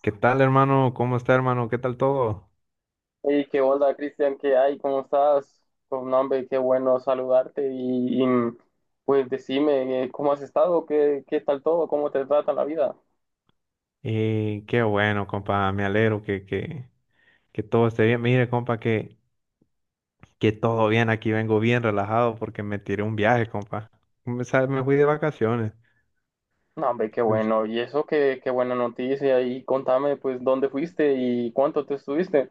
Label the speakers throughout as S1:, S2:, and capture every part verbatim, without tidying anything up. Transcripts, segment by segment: S1: ¿Qué tal, hermano? ¿Cómo está, hermano? ¿Qué tal todo?
S2: Hey, qué onda, Cristian, ¿qué hay? ¿Cómo estás? Pues, no, hombre, qué bueno saludarte y, y, pues decime, eh, ¿cómo has estado? ¿Qué, qué tal todo? ¿Cómo te trata la vida?
S1: Eh, qué bueno, compa. Me alegro que, que, que todo esté bien. Mire, compa, que, que todo bien. Aquí vengo bien relajado porque me tiré un viaje, compa. Me, sa- me fui de vacaciones.
S2: No, hombre, qué
S1: Pues
S2: bueno. Y eso, qué, qué buena noticia. Y contame, pues, ¿dónde fuiste y cuánto te estuviste?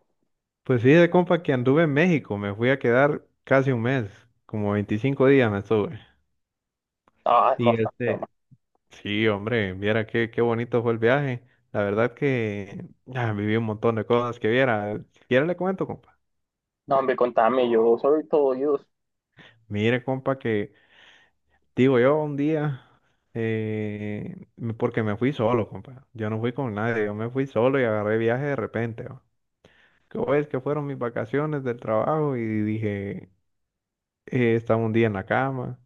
S1: pues sí, de compa, que anduve en México. Me fui a quedar casi un mes, como veinticinco días me estuve.
S2: Ah,
S1: Y
S2: bastante.
S1: este, sí, hombre, viera qué, qué bonito fue el viaje. La verdad que ah, viví un montón de cosas que viera. Si quiere le cuento, compa.
S2: No, hombre, contame, yo soy todo oídos.
S1: Mire, compa, que digo, yo un día, eh, me- porque me fui solo, compa. Yo no fui con nadie, yo me fui solo y agarré viaje de repente, ¿va? Que pues, que fueron mis vacaciones del trabajo y dije, eh, estaba un día en la cama,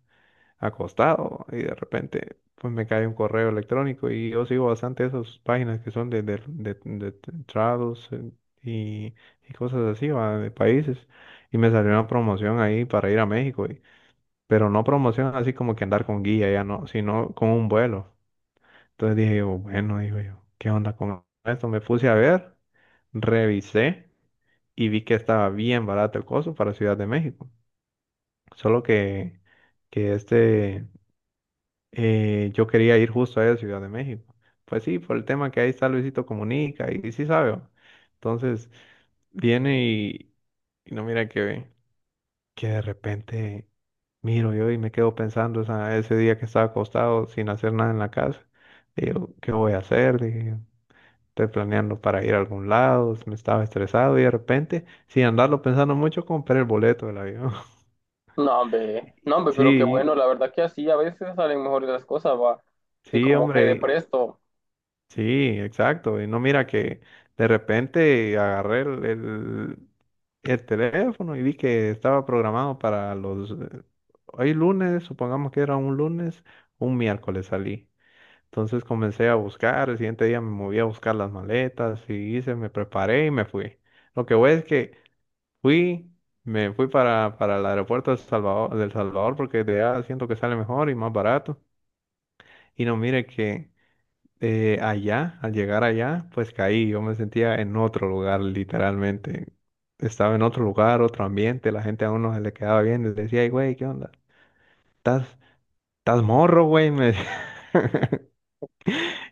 S1: acostado, y de repente pues me cae un correo electrónico y yo sigo bastante esas páginas que son de, de, de, de travels, eh, y, y cosas así, ¿va?, de países. Y me salió una promoción ahí para ir a México, pero no promoción así como que andar con guía, ya no, sino con un vuelo. Entonces dije yo, bueno, digo yo, ¿qué onda con esto? Me puse a ver, revisé y vi que estaba bien barato el costo para Ciudad de México. Solo que, que este, eh, yo quería ir justo a Ciudad de México. Pues sí, por el tema que ahí está Luisito Comunica y, sí sabe, ¿va? Entonces viene y, y no mira que ve, que de repente miro yo y me quedo pensando esa- ese día que estaba acostado sin hacer nada en la casa. Digo, ¿qué voy a hacer? Dije, yo estoy planeando para ir a algún lado, me estaba estresado y de repente, sin andarlo pensando mucho, compré el boleto del avión.
S2: No, hombre, no, hombre, pero qué
S1: Sí,
S2: bueno, la verdad que así a veces salen mejores las cosas, va. Sí,
S1: sí,
S2: como que de
S1: hombre,
S2: presto,
S1: sí, exacto. Y no mira que de repente agarré el, el, el teléfono y vi que estaba programado para los... eh, Hoy lunes, supongamos que era un lunes, un miércoles salí. Entonces comencé a buscar, el siguiente día me moví a buscar las maletas y hice, me preparé y me fui. Lo que voy es que fui, me fui para, para el aeropuerto de Salvador, del Salvador, porque de allá siento que sale mejor y más barato. Y no, mire que eh, allá, al llegar allá, pues caí, yo me sentía en otro lugar literalmente. Estaba en otro lugar, otro ambiente, la gente a uno se le quedaba bien, les decía, "Ey, güey, ¿qué onda? ¿Estás, estás morro, güey?", me decía.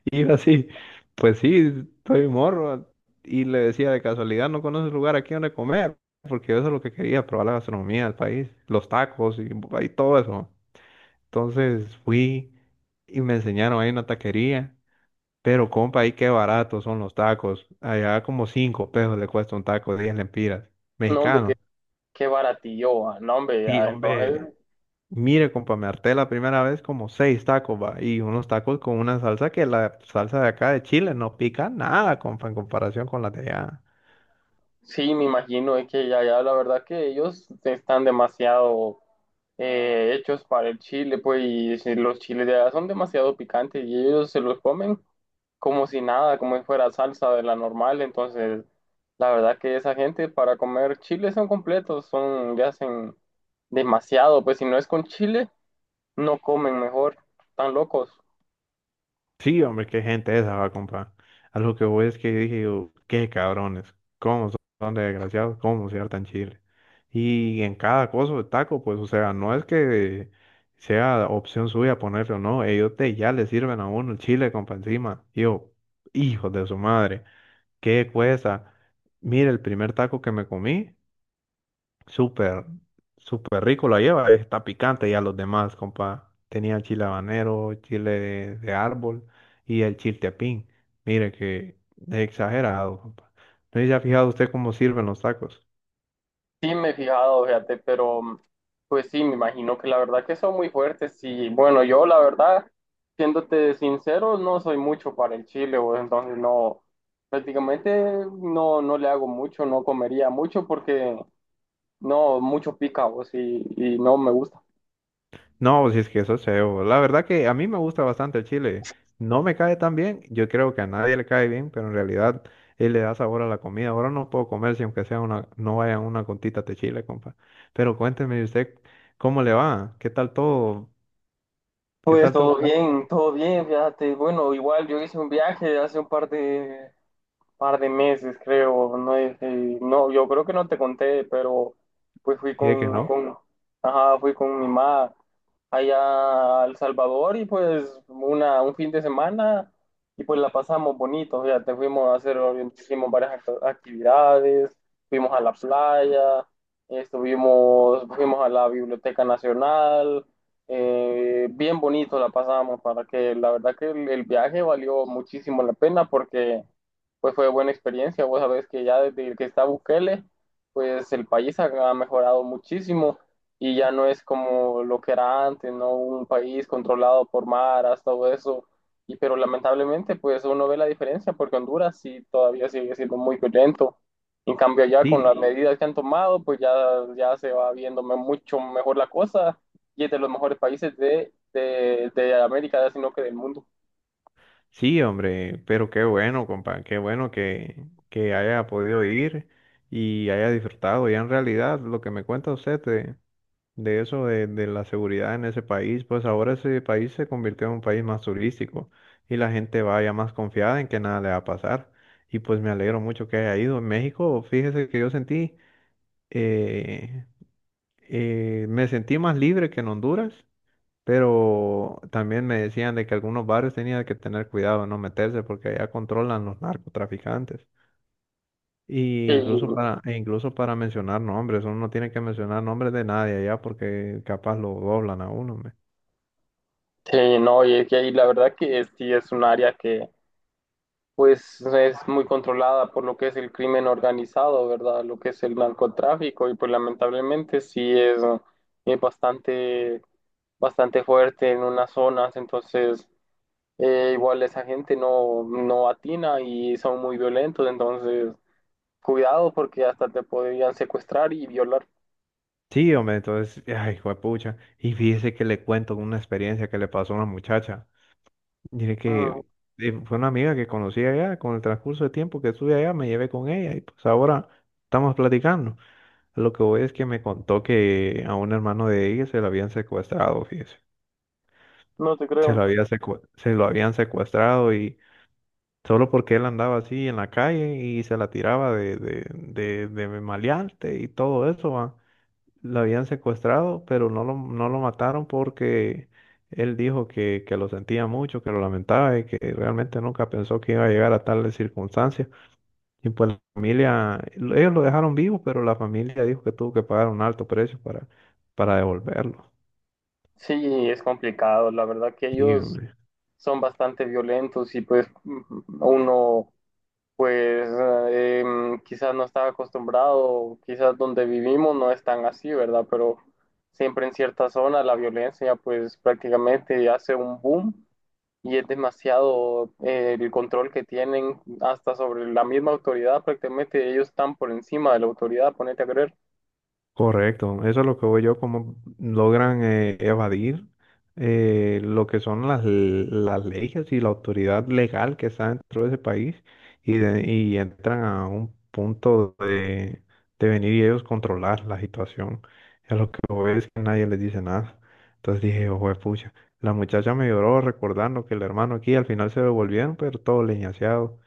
S1: Y yo así, pues sí, estoy morro. Y le decía, de casualidad, ¿no conoces lugar aquí donde comer? Porque eso es lo que quería, probar la gastronomía del país, los tacos y, y todo eso. Entonces fui y me enseñaron ahí una taquería. Pero compa, ahí qué baratos son los tacos. Allá como cinco pesos le cuesta un taco, diez lempiras,
S2: no, hombre, qué,
S1: mexicano.
S2: qué baratillo, va. No, hombre,
S1: Y
S2: ya,
S1: hombre,
S2: entonces,
S1: mire, compa, me harté la primera vez como seis tacos, va, y unos tacos con una salsa que la salsa de acá de Chile no pica nada, compa, en comparación con la de allá.
S2: sí, me imagino, es que ya, ya, la verdad que ellos están demasiado eh, hechos para el chile, pues, y si los chiles de allá son demasiado picantes y ellos se los comen como si nada, como si fuera salsa de la normal. Entonces, la verdad que esa gente para comer chile son completos, son, le hacen demasiado, pues si no es con chile, no comen mejor, tan locos.
S1: Sí, hombre, qué gente esa, va, compa. A lo que voy es que dije, yo, qué cabrones, cómo son son de desgraciados, cómo se hartan Chile. Y en cada cosa de taco, pues, o sea, no es que sea opción suya ponerlo, no, ellos te, ya le sirven a uno el chile, compa, encima. Y yo, hijo de su madre. ¿Qué cuesta? Mire, el primer taco que me comí, súper, súper rico la lleva, está picante ya los demás, compa. Tenía chile habanero, chile de, de árbol y el chiltepín. Mire que es exagerado, compa. ¿No se ha fijado usted cómo sirven los tacos?
S2: Sí me he fijado, fíjate, pero pues sí, me imagino que la verdad que son muy fuertes y bueno, yo la verdad, siéndote sincero, no soy mucho para el chile, pues, entonces no, prácticamente no, no le hago mucho, no comería mucho porque... No, mucho pica vos y, y no me gusta.
S1: No, pues si es que eso es cebo. La verdad que a mí me gusta bastante el chile. No me cae tan bien, yo creo que a nadie le cae bien, pero en realidad él le da sabor a la comida. Ahora no puedo comer si aunque sea una, no vaya una gotita de chile, compa. Pero cuénteme usted cómo le va, qué tal todo, qué
S2: Pues
S1: tal todo.
S2: todo bien, todo bien, fíjate. Bueno, igual yo hice un viaje hace un par de, par de meses, creo, no. Eh, no, yo creo que no te conté, pero pues fui
S1: Sí, que
S2: con,
S1: no.
S2: con, ajá, fui con mi mamá allá a El Salvador y pues una, un fin de semana y pues la pasamos bonito, ya te fuimos a hacer, hicimos varias act- actividades, fuimos a la playa, estuvimos, fuimos a la Biblioteca Nacional. Eh, bien bonito la pasamos para que la verdad que el el viaje valió muchísimo la pena porque pues fue buena experiencia. Vos sabés que ya desde que está Bukele, pues el país ha, ha mejorado muchísimo y ya no es como lo que era antes, ¿no? Un país controlado por maras, todo eso. Y pero lamentablemente, pues uno ve la diferencia porque Honduras sí todavía sigue siendo muy violento. En cambio, ya con las
S1: Sí,
S2: medidas que han tomado, pues ya, ya se va viendo me- mucho mejor la cosa y es de los mejores países de, de, de América, sino que del mundo.
S1: sí, hombre, pero qué bueno, compa, qué bueno que, que haya podido ir y haya disfrutado. Ya en realidad lo que me cuenta usted de eso, de, de la seguridad en ese país, pues ahora ese país se convirtió en un país más turístico y la gente va ya más confiada en que nada le va a pasar. Y pues me alegro mucho que haya ido. En México, fíjese que yo sentí, eh, eh, me sentí más libre que en Honduras, pero también me decían de que algunos barrios tenían que tener cuidado de no meterse porque allá controlan los narcotraficantes. Y incluso
S2: Y
S1: para, e incluso para mencionar nombres, uno no tiene que mencionar nombres de nadie allá porque capaz lo doblan a uno.
S2: sí, no, y es que ahí la verdad que es- sí es un área que pues es muy controlada por lo que es el crimen organizado, ¿verdad? Lo que es el narcotráfico y pues lamentablemente sí es, es bastante, bastante fuerte en unas zonas, entonces eh, igual esa gente no, no atina y son muy violentos, entonces cuidado porque hasta te podrían secuestrar y violar.
S1: Sí, hombre, entonces, ay, juepucha. Y fíjese que le cuento una experiencia que le pasó a una muchacha. Dije
S2: Mm.
S1: que eh, fue una amiga que conocí allá, con el transcurso de tiempo que estuve allá, me llevé con ella y pues ahora estamos platicando. Lo que voy es que me contó que a un hermano de ella se lo habían secuestrado, fíjese.
S2: No te
S1: Se lo
S2: creo.
S1: había secue- se lo habían secuestrado y solo porque él andaba así en la calle y se la tiraba de, de, de, de maleante y todo eso, va. Lo habían secuestrado, pero no lo, no lo mataron porque él dijo que, que lo sentía mucho, que lo lamentaba y que realmente nunca pensó que iba a llegar a tales circunstancias. Y pues la familia, lo- ellos lo dejaron vivo, pero la familia dijo que tuvo que pagar un alto precio para, para devolverlo.
S2: Sí, es complicado, la verdad que
S1: Sí,
S2: ellos...
S1: hombre.
S2: son bastante violentos y pues mm, uno pues eh, quizás no estaba acostumbrado, quizás donde vivimos no es tan así, ¿verdad? Pero siempre en ciertas zonas la violencia pues prácticamente hace un boom y es demasiado, eh, el control que tienen hasta sobre la misma autoridad, prácticamente ellos están por encima de la autoridad, ponete a creer.
S1: Correcto, eso es lo que voy yo, cómo logran eh, evadir, eh, lo que son las, l- las leyes y la autoridad legal que está dentro de ese país y, de- y entran a un punto de, de venir y ellos controlar la situación. Es lo que voy es que nadie les dice nada. Entonces dije, ojo de pucha, la muchacha me lloró recordando que el hermano aquí al final se devolvieron, pero todo leñaseado.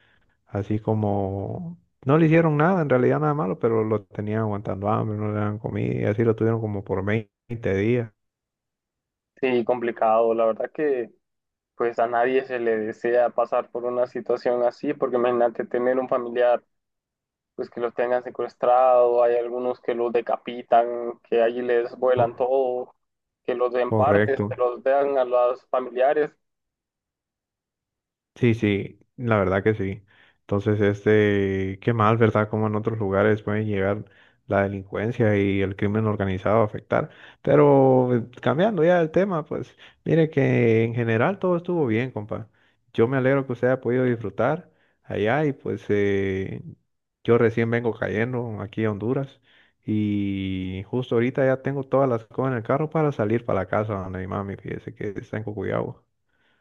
S1: Así como no le hicieron nada, en realidad nada malo, pero lo tenían aguantando hambre, no le daban comida y así lo tuvieron como por veinte días.
S2: Sí, complicado, la verdad que pues a nadie se le desea pasar por una situación así, porque imagínate tener un familiar pues que los tengan secuestrado, hay algunos que los decapitan, que allí les vuelan
S1: Co-
S2: todo, que los den partes, que
S1: Correcto.
S2: los den a los familiares.
S1: Sí, sí, la verdad que sí. Entonces, este, qué mal, ¿verdad? Como en otros lugares pueden llegar la delincuencia y el crimen organizado a afectar. Pero eh, cambiando ya el tema, pues mire que en general todo estuvo bien, compa. Yo me alegro que usted haya podido disfrutar allá y pues eh, yo recién vengo cayendo aquí a Honduras y justo ahorita ya tengo todas las cosas en el carro para salir para la casa donde mi mami, fíjese que está en Cocuyahoga.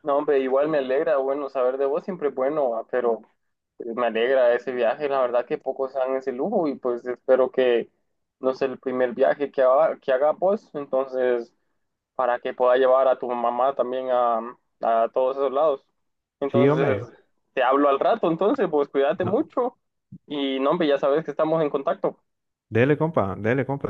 S2: No, hombre, igual me alegra, bueno, saber de vos siempre es bueno, va, pero pues, me alegra ese viaje, la verdad que pocos dan ese lujo y pues espero que no sea el primer viaje que haga, que haga vos, entonces para que pueda llevar a tu mamá también a, a todos esos lados.
S1: Sí,
S2: Entonces,
S1: hombre,
S2: te hablo al rato, entonces, pues cuídate
S1: no,
S2: mucho y no, hombre, ya sabes que estamos en contacto.
S1: dele, compa, dele, compa.